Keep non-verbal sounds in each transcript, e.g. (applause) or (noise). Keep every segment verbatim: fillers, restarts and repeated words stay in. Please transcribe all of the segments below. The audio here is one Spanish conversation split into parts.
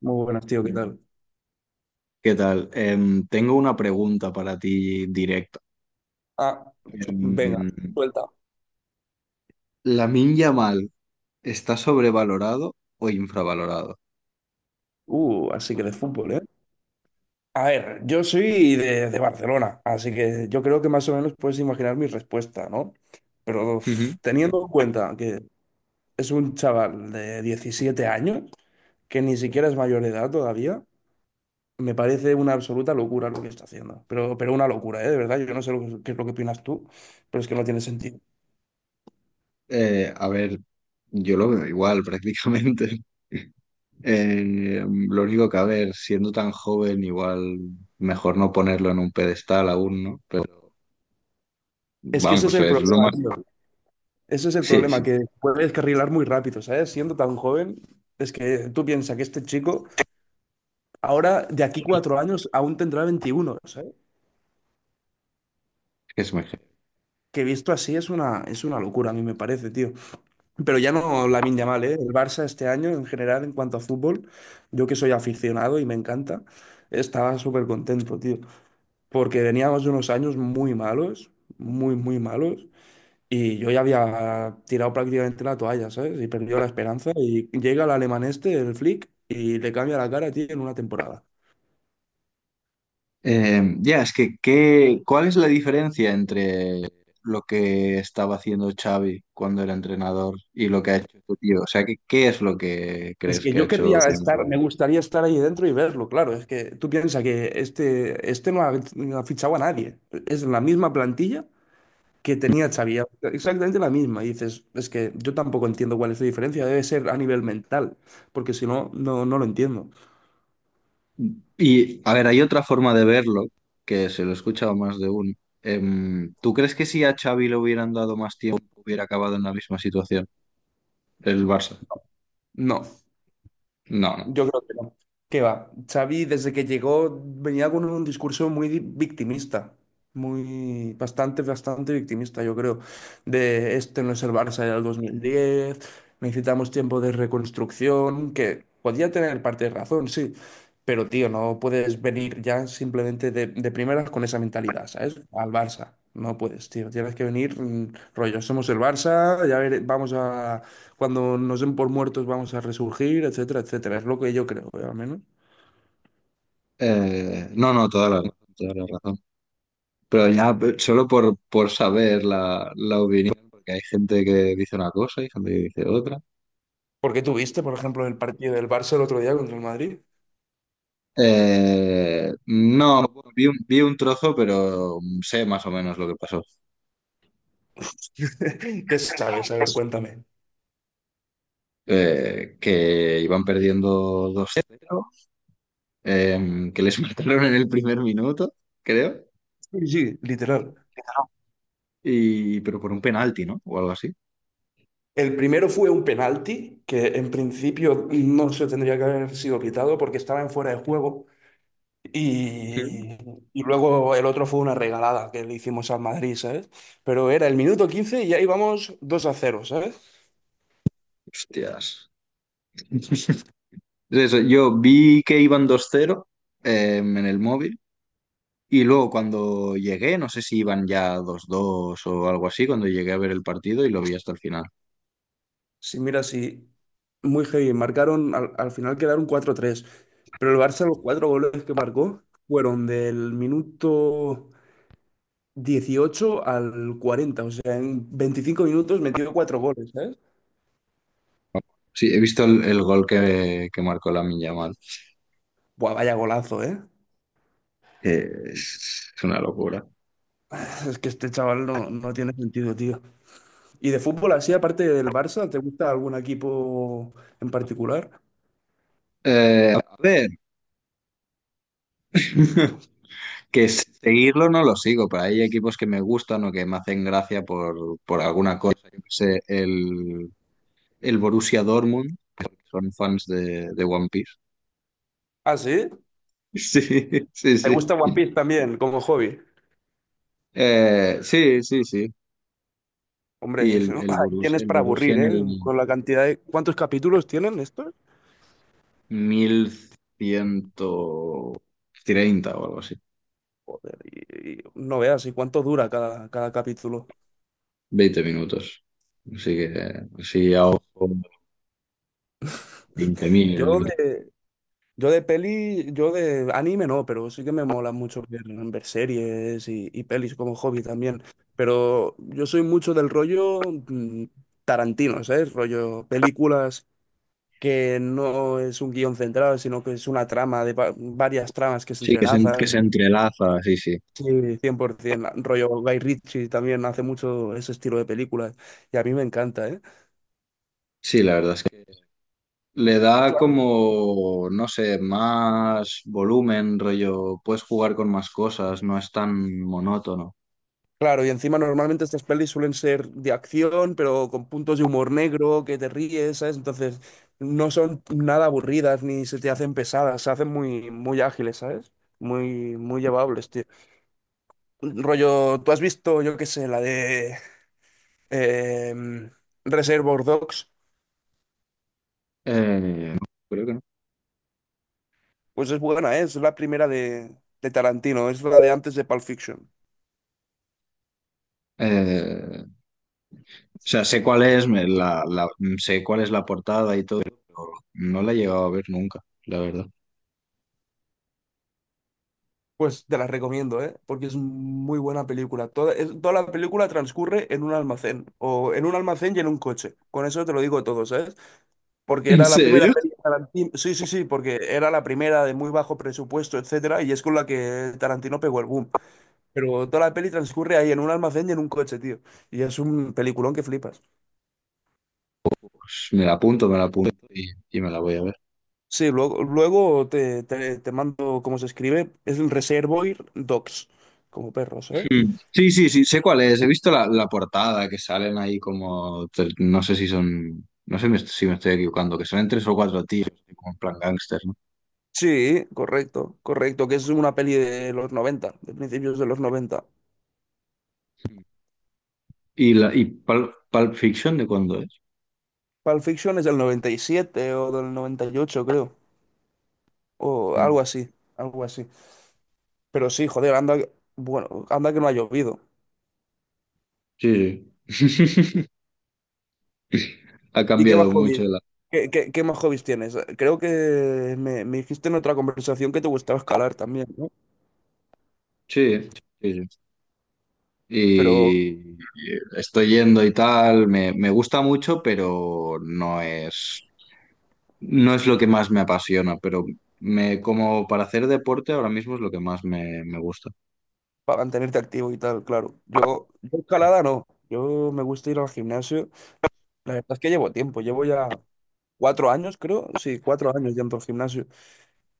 Muy buenas, tío, ¿qué tal? ¿Qué tal? Em, tengo una pregunta para ti directa. Ah, venga, Em, suelta. ¿La ¿Lamine Yamal está sobrevalorado o infravalorado? Uh, así que de fútbol, ¿eh? A ver, yo soy de, de Barcelona, así que yo creo que más o menos puedes imaginar mi respuesta, ¿no? Pero Ujú. uf, teniendo en cuenta que es un chaval de diecisiete años, que ni siquiera es mayor de edad todavía, me parece una absoluta locura lo que está haciendo. Pero, pero una locura, ¿eh? De verdad, yo no sé lo que- qué es lo que opinas tú, pero es que no tiene sentido. Eh, a ver, yo lo veo igual prácticamente. (laughs) Eh, lo único que, a ver, siendo tan joven, igual mejor no ponerlo en un pedestal aún, ¿no? Pero Es que ese es vamos, el es lo problema, más. tío. Ese es el Sí, problema, sí, que puede descarrilar muy rápido, ¿sabes? Siendo tan joven, es que tú piensas que este chico ahora, de aquí cuatro años, aún tendrá veintiuno, ¿sabes? es mejor. Que visto así es una, es una locura, a mí me parece, tío. Pero ya no Lamine Yamal, ¿eh? El Barça este año, en general, en cuanto a fútbol, yo que soy aficionado y me encanta, estaba súper contento, tío. Porque veníamos de unos años muy malos, muy, muy malos. Y yo ya había tirado prácticamente la toalla, ¿sabes? Y perdió la esperanza. Y llega el alemán este, el Flick, y le cambia la cara a ti en una temporada. Eh, ya, es que, ¿qué, cuál es la diferencia entre lo que estaba haciendo Xavi cuando era entrenador y lo que ha hecho tu tío? O sea, ¿qué, qué es lo que Es crees que que ha yo hecho querría estar, como. me gustaría estar ahí dentro y verlo, claro. Es que tú piensas que este, este no ha, no ha fichado a nadie. Es la misma plantilla que tenía Xavi, exactamente la misma. Y dices, es que yo tampoco entiendo cuál es la diferencia. Debe ser a nivel mental, porque si no, no, no lo entiendo. Y, a ver, hay otra forma de verlo, que se lo he escuchado más de uno. Em, ¿tú crees que si a Xavi le hubieran dado más tiempo hubiera acabado en la misma situación el Barça? No. No, no. Yo creo que no. ¿Qué va? Xavi, desde que llegó, venía con un discurso muy victimista, muy, bastante, bastante victimista, yo creo, de este no es el Barça del dos mil diez, necesitamos tiempo de reconstrucción, que podía tener parte de razón, sí, pero tío, no puedes venir ya simplemente de, de primeras con esa mentalidad, ¿sabes? Al Barça. No puedes, tío. Tienes que venir, mm, rollo, somos el Barça, ya vere- vamos a, cuando nos den por muertos vamos a resurgir, etcétera, etcétera. Es lo que yo creo, ¿eh? Al menos. Eh, no, no, toda la, toda la razón. Pero ya pe- solo por, por saber la, la opinión, porque hay gente que dice una cosa y gente que dice otra. Porque tú viste, por ejemplo, el partido del Barça el otro día contra el Madrid. Eh, no, bueno, vi un, vi un trozo, pero sé más o menos lo que pasó. (laughs) ¿Qué sabes? A ver, cuéntame. Eh, que iban perdiendo dos cero eh, que les (laughs) mataron en el primer minuto, creo, Sí, sí, literal. y, pero por un penalti, ¿no? O algo así. El primero fue un penalti que en principio no se tendría que haber sido pitado porque estaba en fuera de juego. Sí. Y, y luego el otro fue una regalada que le hicimos al Madrid, ¿sabes? Pero era el minuto quince y ahí vamos dos a cero, ¿sabes? Hostias. (laughs) Eso, yo vi que iban dos cero eh, en el móvil. Y luego cuando llegué, no sé si iban ya dos dos o algo así, cuando llegué a ver el partido y lo vi hasta el final. Sí, mira, sí, muy heavy. Marcaron, al, al final quedaron cuatro tres, pero el Barça los cuatro goles que marcó fueron del minuto dieciocho al cuarenta, o sea, en veinticinco minutos metió cuatro goles, ¿sabes? Sí, he visto el, el gol que, que marcó Lamine Yamal, Buah, vaya golazo, ¿eh? que es una locura. (laughs) Es que este chaval no, no tiene sentido, tío. ¿Y de fútbol así, aparte del Barça, te gusta algún equipo en particular? Eh, a ver, (laughs) que seguirlo no lo sigo, pero hay equipos que me gustan o que me hacen gracia por, por alguna cosa. Yo qué sé, el, el Borussia Dortmund, son fans de, de One Piece. (laughs) Ah, sí. Sí, sí, ¿Te sí. gusta One Piece también como hobby? Eh, sí, sí, sí. Y Hombre, (laughs) si el, no- el ahí Borus- tienes el para Borussia aburrir, en ¿eh? el Con la cantidad de... ¿Cuántos capítulos tienen estos? mil ciento treinta o algo así. Y, y no veas, ¿y cuánto dura cada, cada capítulo? Veinte minutos. Así que, así a ojo, veinte Yo mil de, yo de peli, yo de anime no, pero sí que me mola mucho ver, ver series y, y pelis como hobby también. Pero yo soy mucho del rollo mm, Tarantino, ¿sabes? Rollo películas que no es un guión central, sino que es una trama de va- varias tramas que se Sí, que se, en- que entrelazan. se entrelaza, sí, sí. Sí, cien por ciento. Rollo Guy Ritchie también hace mucho ese estilo de películas y a mí me encanta, ¿eh? Sí, la verdad es que le da como, no sé, más volumen, rollo, puedes jugar con más cosas, no es tan monótono. Claro, y encima normalmente estas pelis suelen ser de acción, pero con puntos de humor negro, que te ríes, ¿sabes? Entonces, no son nada aburridas ni se te hacen pesadas, se hacen muy, muy ágiles, ¿sabes? Muy, muy llevables, tío. Rollo, ¿tú has visto, yo qué sé, la de em, Reservoir Dogs? Eh, no, creo que no. Pues es buena, ¿eh? Es la primera de, de Tarantino, es la de antes de Pulp Fiction. Eh, o sea, sé cuál es, me- la, la- sé cuál es la portada y todo, pero no la he llegado a ver nunca, la verdad. Pues te las recomiendo, ¿eh? Porque es muy buena película. Toda, es- toda la película transcurre en un almacén, o en un almacén y en un coche. Con eso te lo digo todo, ¿sabes? Porque ¿En era la primera serio? peli de Tarantino. Sí, sí, sí, porque era la primera de muy bajo presupuesto, etcétera, y es con la que Tarantino pegó el boom. Pero toda la peli transcurre ahí en un almacén y en un coche, tío. Y es un peliculón que flipas. Pues me la apunto, me la apunto y, y, me la voy a ver. Sí, luego, luego te, te, te mando cómo se escribe. Es un Reservoir Dogs, como perros, ¿eh? Mm. Sí, sí, sí, sé cuál es. He visto la, la portada que salen ahí como, tre- no sé si son, no sé me- si me estoy equivocando, que salen tres o cuatro tíos, como en plan gángster, ¿no? Sí, correcto, correcto, que es una peli de los noventa, de principios de los noventa. Mm. ¿Y, la, y Pul- Pulp Fiction de cuándo es? Pulp Fiction es del noventa y siete o del noventa y ocho, creo, o algo Mm. así, algo así. Pero sí, joder, anda, que- bueno, anda que no ha llovido. Sí, sí. (laughs) Ha ¿Y qué más cambiado mucho hobbies? la. ¿Qué, qué- qué más hobbies tienes? Creo que me, me dijiste en otra conversación que te gustaba escalar también, ¿no? Sí, sí, sí. Pero Y y estoy yendo y tal, me, me gusta mucho, pero no es. No es lo que más me apasiona, pero me, como para hacer deporte ahora mismo es lo que más me, me gusta. para mantenerte activo y tal, claro. Yo, yo escalada no, yo me gusta ir al gimnasio. La verdad es que llevo tiempo, llevo ya cuatro años, creo. Sí, cuatro años ya en gimnasio.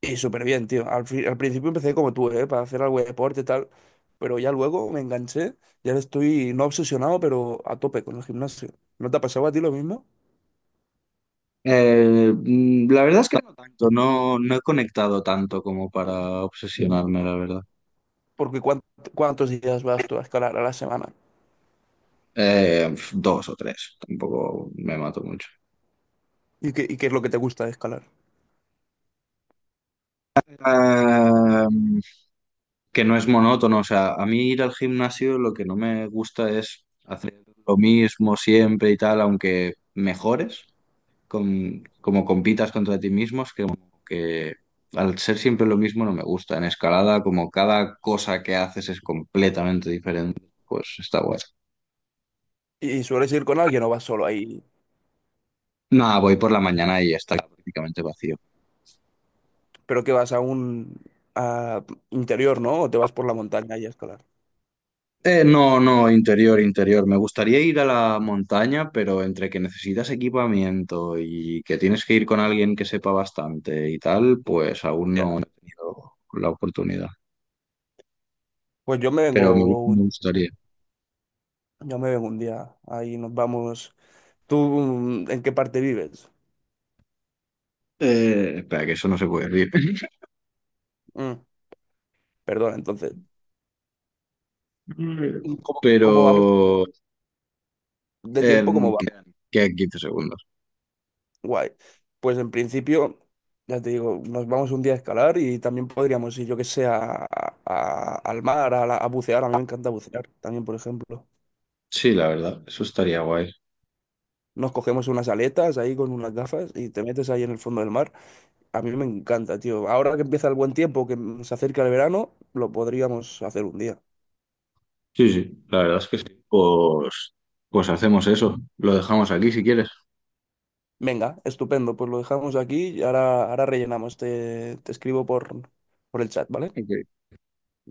Y súper bien, tío. Al, fi- al principio empecé como tú, ¿eh? Para hacer algo de deporte y tal. Pero ya luego me enganché. Y ahora estoy no obsesionado, pero a tope con el gimnasio. ¿No te ha pasado a ti lo mismo? Eh, mm, la verdad es que no tanto, no, no he conectado tanto como para obsesionarme, la verdad. Porque ¿cuánt- ¿cuántos días vas tú a escalar a la semana? Eh, pf, dos o tres, tampoco me mato mucho. ¿Y qué, y qué es lo que te gusta de escalar? Eh, que no es monótono, o sea, a mí ir al gimnasio lo que no me gusta es hacer lo mismo siempre y tal, aunque mejores. Con- como compitas contra ti mismo, es que, como que al ser siempre lo mismo no me gusta. En escalada, como cada cosa que haces es completamente diferente, pues está guay. ¿Y sueles ir con alguien o vas solo ahí? Nada, voy por la mañana y está prácticamente vacío. Pero que vas a un a interior, ¿no? ¿O te vas por la montaña y a escalar? Eh, no, no, interior, interior. Me gustaría ir a la montaña, pero entre que necesitas equipamiento y que tienes que ir con alguien que sepa bastante y tal, pues aún Ya. no he tenido la oportunidad. Pues yo me Pero me, vengo me un, gustaría. yo me vengo un día. Ahí nos vamos. ¿Tú mm, en qué parte vives? Eh, espera, que eso no se puede decir. Mm, Perdona, entonces. Mm. ¿Y ¿Cómo, cómo vamos Pero (laughs) de tiempo? ¿Cómo em, vamos? quedan, quedan 15 segundos. Guay. Pues en principio, ya te digo, nos vamos un día a escalar y también podríamos ir, yo que sé, a- a- al mar, a, la- a bucear. A mí me encanta bucear también, por ejemplo. Sí, la verdad, eso estaría guay. Nos cogemos unas aletas ahí con unas gafas y te metes ahí en el fondo del mar. A mí me encanta, tío. Ahora que empieza el buen tiempo, que se acerca el verano, lo podríamos hacer un día. Sí, sí, la verdad es que sí. Pues, pues hacemos eso. Lo dejamos aquí si quieres. Venga, estupendo, pues lo dejamos aquí y ahora, ahora rellenamos. Te, te escribo por, por el chat, ¿vale? Ok.